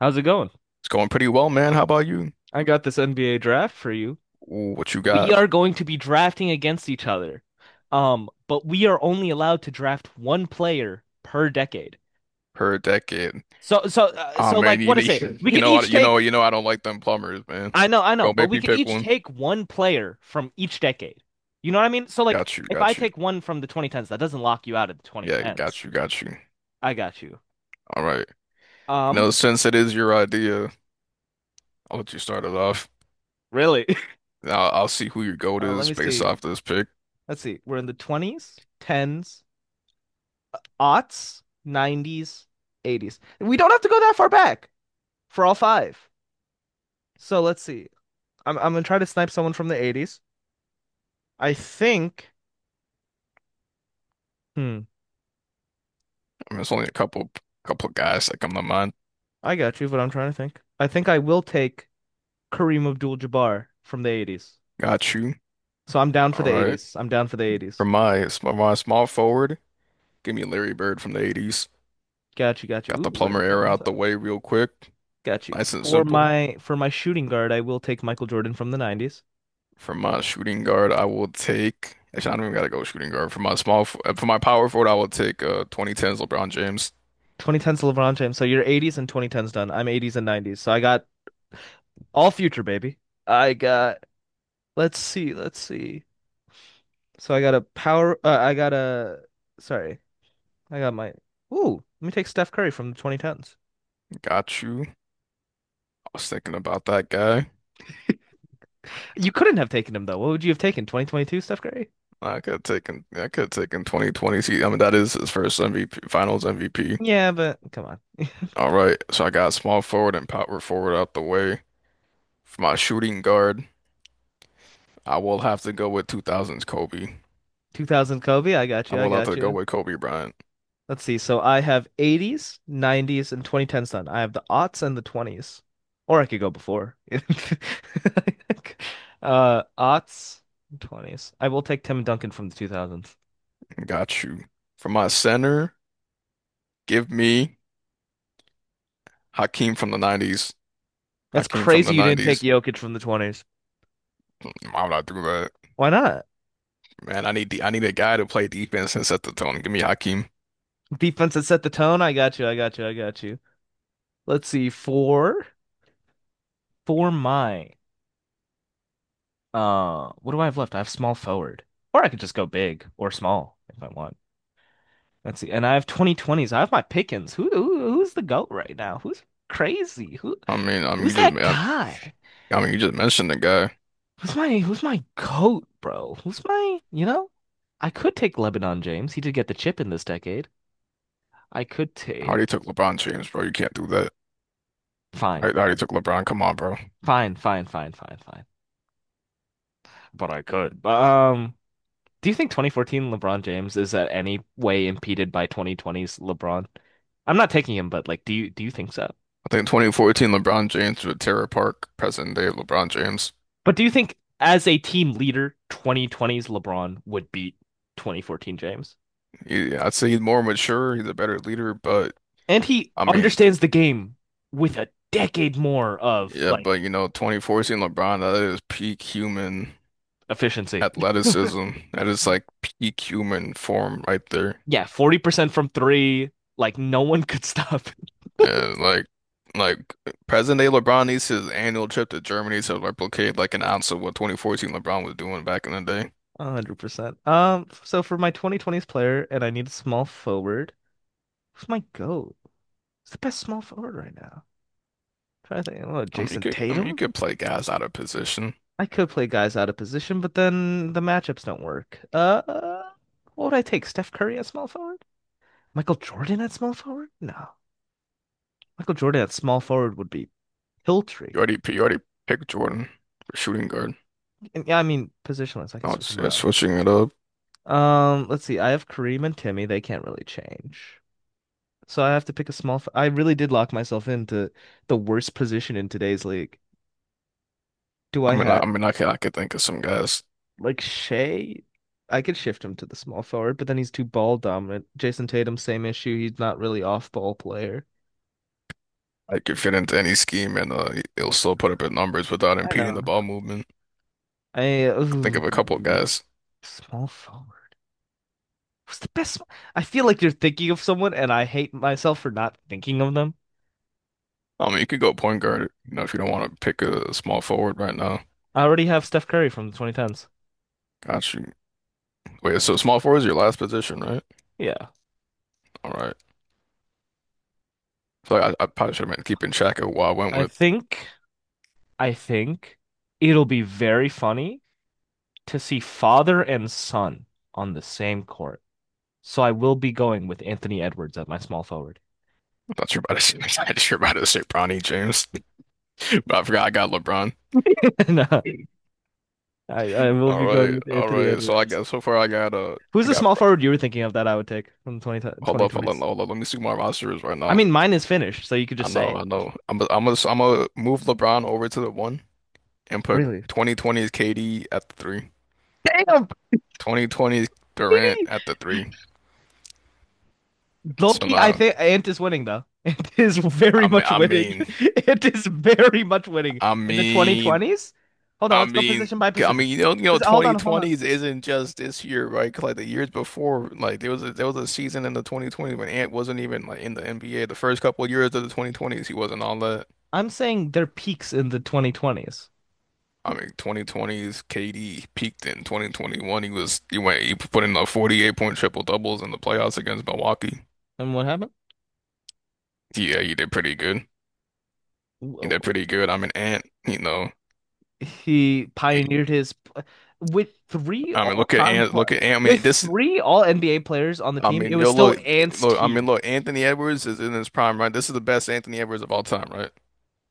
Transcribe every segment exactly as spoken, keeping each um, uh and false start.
How's it going? It's going pretty well, man. How about you? I got this N B A draft for you. Ooh, what you We got are going to be drafting against each other. Um, but we are only allowed to draft one player per decade. per decade? So so uh, Ah, so like man, you what is need, it? We you could know, I, each you know, take you know, I don't like them plumbers, man. I know, I know, Don't but make we me could pick each one. take one player from each decade. You know what I mean? So like Got you, if I got you. take one from the twenty tens, that doesn't lock you out of the Yeah, got twenty tens. you, got you. I got you. All right. You know, Um, Since it is your idea, I'll let you start it off. Really? Now I'll see who your GOAT uh, let is me based see. off this pick. Let's see. We're in the twenties, tens, aughts, nineties, eighties. We don't have to go that far back for all five. So let's see. I'm I'm gonna try to snipe someone from the eighties. I think. Hmm. I mean, it's only a couple, couple of guys that come to mind. I got you, but I'm trying to think. I think I will take Kareem Abdul-Jabbar from the eighties. Got you. So I'm down for All the right. eighties. I'm down for the For eighties. my, for my small forward, give me Larry Bird from the eighties. Got you, got you. Got Ooh, the we're plumber at ten era on out the time. way real quick. Got you. Nice and For simple. my for my shooting guard, I will take Michael Jordan from the nineties. For my shooting guard, I will take. Actually, I don't even gotta go shooting guard. For my small, f- uh, for my power forward, I will take uh twenty ten's LeBron James. twenty tens LeBron James. So you're eighties and twenty tens done. I'm eighties and nineties. So I got all future, baby. I got Let's see. Let's see. So I got a power. Uh, I got a. Sorry, I got my. Ooh, let me take Steph Curry from the twenty tens. Got you. I was thinking about that guy. You couldn't have taken him though. What would you have taken? twenty twenty-two Steph Curry? I could have taken. I could have taken twenty twenty. See, I mean, that is his first M V P, Finals M V P. Yeah, but come on. All right, so I got small forward and power forward out the way. For my shooting guard, I will have to go with two thousand's Kobe. two thousand Kobe. I got I you. I will have got to go you. with Kobe Bryant. Let's see. So I have eighties, nineties, and twenty tens done. I have the aughts and the twenties, or I could go before. Uh, aughts, twenties. I will take Tim Duncan from the two thousands. Got you. For my center, give me Hakeem from the nineties. That's Hakeem from the crazy. You didn't take nineties. Jokic from the twenties. I'm not through that. Why not? Man, I need the, I need a guy to play defense and set the tone. Give me Hakeem. Defense that set the tone. I got you. I got you. I got you. Let's see. Four for my uh what do I have left? I have small forward. Or I could just go big or small if I want. Let's see. And I have twenty twenties. I have my pickings. Who, who who's the goat right now? Who's crazy? Who I mean, I mean, you who's just, that I, guy? I mean, you just mentioned the guy. Who's my who's my goat, bro? Who's my, you know? I could take Lebanon James. He did get the chip in this decade. I could I already take took LeBron James, bro. You can't do that. fine, I, I already fine. took LeBron. Come on, bro. Fine, fine, fine, fine, fine. But I could. But um Do you think twenty fourteen LeBron James is at any way impeded by twenty twenty's LeBron? I'm not taking him, but like, do you do you think so? I think twenty fourteen LeBron James with Tara Park, present day LeBron James. But do you think as a team leader, twenty twenty's LeBron would beat twenty fourteen James? He, I'd say he's more mature. He's a better leader, but And he I mean, understands the game with a decade more of yeah, like but you know, twenty fourteen LeBron, that is peak human efficiency. athleticism. That is like peak human form right there. Yeah, forty percent from three, like no one could stop. Yeah, like like present day LeBron needs his annual trip to Germany to replicate like an ounce of what twenty fourteen LeBron was doing back in the day. one hundred percent. Um, so for my twenty twenty's player and I need a small forward, who's my GOAT? Who's the best small forward right now? Trying to think, oh, I mean, you Jason could I mean you Tatum? could play guys out of position. I could play guys out of position, but then the matchups don't work. Uh, what would I take? Steph Curry at small forward? Michael Jordan at small forward? No. Michael Jordan at small forward would be Hiltree. You already you already picked Jordan for shooting guard. And yeah, I mean positionless. I can Now switch it's, them yeah, around. switching it up. Um, let's see. I have Kareem and Timmy. They can't really change. So I have to pick a small. f- I really did lock myself into the worst position in today's league. Do I I mean I, have? I mean I can I could think of some guys Like Shea, I could shift him to the small forward, but then he's too ball dominant. Jason Tatum, same issue. He's not really off ball player. that could fit into any scheme and uh they'll still put up his numbers without I impeding know. the ball movement. I I think of a couple of ooh, guys. small forward. Who's the best? I feel like you're thinking of someone, and I hate myself for not thinking of them. I mean, you could go point guard, you know, if you don't want to pick a small forward right now. I already have Steph Curry from the twenty tens. Got you. Wait, so small forward is your last position, right? Yeah. All right. So I, I probably should have been keeping track of who I went I with. think, I think it'll be very funny to see father and son on the same court. So I will be going with Anthony Edwards at my small forward. I thought you were about to say, not sure about to say Bronny James, but I forgot I got LeBron. No. I, I will All be going right, with all Anthony right. So I Edwards. got so far I got uh Who's I the got small forward you were thinking of that I would take from the 20, hold up, hold up, twenty twenties? hold up. Let me see who my roster is right I now. mean, mine is finished, so you could I just say know, I it. know. I'm i I'm gonna I'm gonna move LeBron over to the one and put Really? twenty twenty's K D at the three, Damn, twenty twenty's Durant baby! at the three. So Loki, I now, think Ant is winning, though. Ant is very I mean, much I winning. mean, Ant is very much winning I in the mean, twenty twenties. Hold on, I let's go position mean, by I position. mean, you know, you know, Pos- Hold on, hold on. twenty twenties isn't just this year, right? 'Cause, like the years before, like there was a, there was a season in the twenty twenties when Ant wasn't even like in the N B A. The first couple of years of the twenty twenties, he wasn't on that. I'm saying their peaks in the twenty twenties. I mean, twenty twenties, K D peaked in twenty twenty-one. He was he went he put in like forty-eight point triple doubles in the playoffs against Milwaukee. And what happened? Yeah, he did pretty good. He did pretty good. I mean, Ant, you know, He he, pioneered his with three I mean, look at all-time Ant, look pl- at Ant. I with mean, this three all N B A players on the I team. It mean, was yo, still look, Ant's look. I mean, team. look. Anthony Edwards is in his prime, right? This is the best Anthony Edwards of all time, right?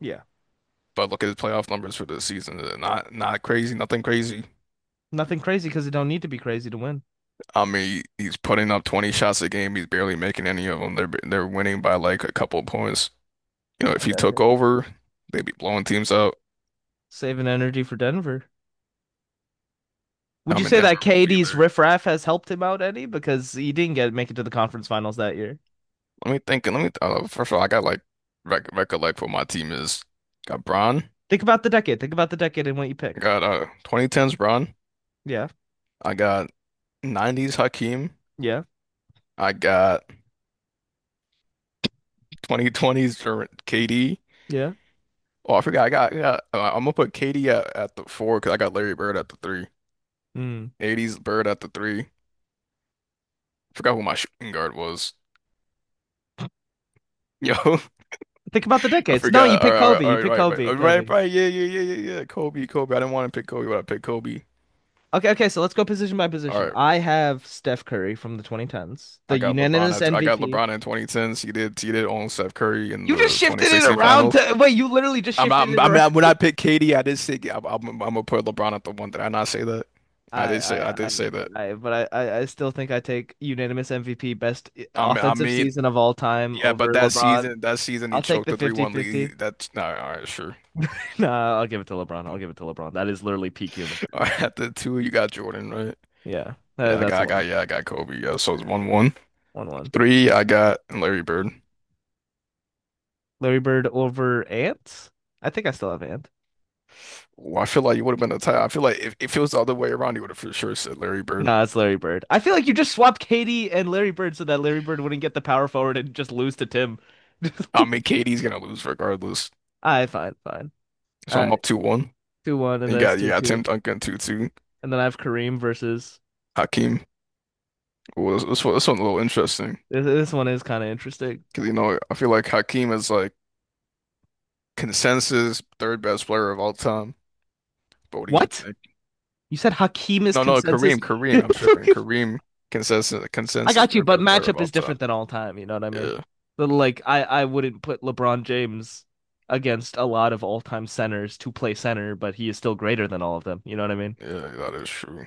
Yeah. But look at his playoff numbers for this season. They're Not, not crazy, nothing crazy. Nothing crazy because you don't need to be crazy to win. I mean, he's putting up twenty shots a game. He's barely making any of them. They're they're winning by like a couple of points. You know, I If he got took you. over, they'd be blowing teams out. Saving energy for Denver. Would I you mean, say Denver that won't be K D's there. riffraff has helped him out any? Because he didn't get make it to the conference finals that year. Let me think. Let me. Uh, first of all, I got like rec recollect what my team is. Got Bron. Think about the decade. Think about the decade and what you I picked. got uh twenty tens Bron. Yeah. I got nineties Hakeem. Yeah. I got twenty twenties for K D. Yeah. Oh, I forgot. I got, yeah, I got uh, I'm gonna put K D at, at the four because I got Larry Bird at the three. Mm. eighties Bird at the three. Forgot who my shooting guard was. Yo, Think about the I decades. No, you forgot. All pick right, all Kobe. right, all You right, pick right, right, Kobe. all right, Kobe. right. Yeah, yeah, yeah, yeah, yeah. Kobe, Kobe. I didn't want to pick Kobe, but I picked Kobe. Okay, okay, so let's go position by All position. right, I have Steph Curry from the twenty tens, I the got LeBron unanimous at I got M V P. LeBron in twenty tens. He did he did own Steph Curry in You just the shifted it twenty sixteen around finals. to wait, you literally just I'm not, shifted it I around. mean, when I picked K D, I did say I'm, I'm, I'm gonna put LeBron at the one. Did I not say that? I I, did say I I, I, did say that. I, but I, I I still think I take unanimous M V P, best eh, I mean, I offensive mean, season of all time yeah, but over that LeBron. season, that season I'll he take choked the the three one fifty-fifty. lead. That's not all right, sure. fifty No, I'll give it to LeBron. I'll give it to LeBron. That is literally peak human. All right, at the two, you got Jordan, right? Yeah, uh, Yeah, I got, that's a I got, yeah, watch. I got Kobe. Yeah, so it's one one. one one. Three, I got Larry Bird. Larry Bird over Ant? I think I still have Ant. Well, I feel like you would have been a tie. I feel like if, if it was the other way around, you would have for sure said Larry Bird. No, it's Larry Bird. I feel like you just swapped Katie and Larry Bird so that Larry Bird wouldn't get the power forward and just lose to Tim. I mean, K D's gonna lose regardless, I fine, fine. so Uh, I'm up two one. two one, and You then it's got, you two got Tim two, Duncan two two. and then I have Kareem versus. Hakeem, well, this, this one, this one's a little interesting This, this one is kind of interesting. because you know I feel like Hakeem is like consensus third best player of all time. But what do you What? think? You said Hakeem is No, no, consensus? Kareem, Kareem. I'm tripping. Kareem consensus I consensus got you, third but best player of matchup all is time. different than all time. You know what I mean? Yeah, But like, I I wouldn't put LeBron James against a lot of all time centers to play center, but he is still greater than all of them. You know what I mean? yeah, that is true.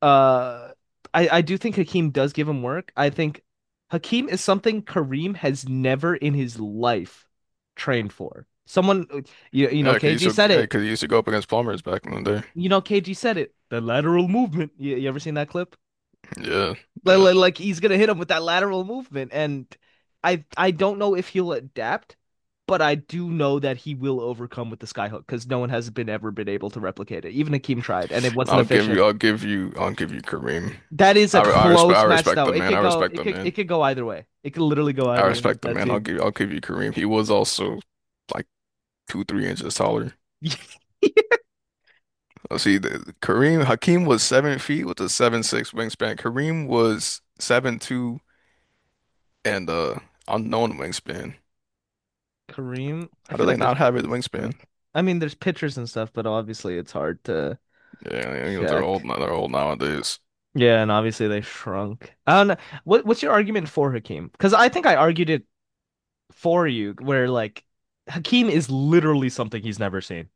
uh I, I do think Hakeem does give him work. I think Hakeem is something Kareem has never in his life trained for. Someone you, you know, Yeah, 'cause he used K G to, said yeah, it. 'cause he used to go up against Plumbers back in the day. You know, K G said it. The lateral movement. You, you ever seen that clip? Yeah, Like, yeah. like, like he's gonna hit him with that lateral movement. And I I don't know if he'll adapt, but I do know that he will overcome with the skyhook because no one has been ever been able to replicate it. Even Hakeem tried, and it wasn't I'll give you, efficient. I'll give you, I'll give you Kareem. That is a I, re- I respect, I close match respect though. the It man. I could go respect it the could it man. could go either way. It could literally go I either way with respect the that man. I'll team. give, I'll give you Kareem. He was also like two, three inches taller. Let see, the, Kareem Hakeem was seven feet with a seven six wingspan. Kareem was seven two and uh unknown wingspan. Kareem, I How do feel they like there's not have it pictures and wingspan? stuff. I mean, there's pictures and stuff, but obviously it's hard to Yeah, you know, they're old check. now. They're old nowadays. Yeah, and obviously they shrunk. I don't know. What what's your argument for Hakeem? Because I think I argued it for you, where like Hakeem is literally something he's never seen.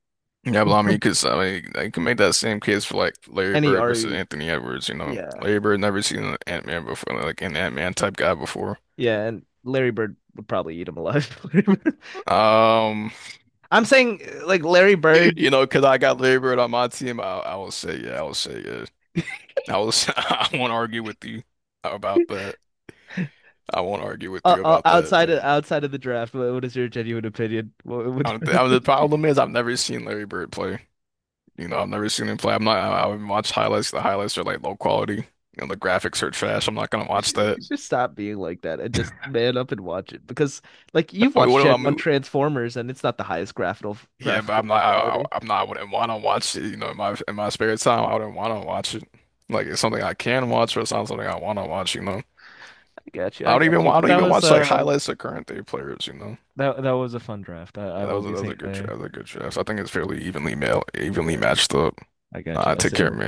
Yeah, but I mean, because I mean, they can make that same case for like Larry any Bird versus argue, Anthony Edwards. You know, yeah, Larry Bird never seen an Ant-Man before, like an Ant-Man type guy before. yeah, and Larry Bird would probably eat him alive. Um, I'm saying like Larry Bird you know, because I got Larry Bird on my team, I, I will say, yeah, I will say, yeah, I will. Say, I won't argue with you about that. I won't argue with uh, you uh, about that, outside of man. outside of the draft, what is your genuine opinion? What would I don't think, I mean, the problem is I've never seen Larry Bird play. You know, I've never seen him play. I'm not. I, I would watch highlights. The highlights are like low quality. You know, the graphics are trash. I'm not gonna you watch should, you that. should stop being like that and just man up and watch it because like you've I mean, watched what do Gen I One mean? Transformers and it's not the highest graphical Yeah, but I'm graphical not. I, I- fidelity. I'm not. I wouldn't want to watch it. You know, in my in my spare time, I wouldn't want to watch it. Like it's something I can watch, but it's not something I want to watch. You know, I got you. I I don't got even. you. I But don't that even was watch like uh highlights of current day players. You know, that that was a fun draft. I, I Yeah, that will was a, be that was seeing a it good draft. later. That was a good draft. So I think it's fairly evenly male, evenly Yeah. matched up. I got you. Uh, I'll Take see you care, man. later.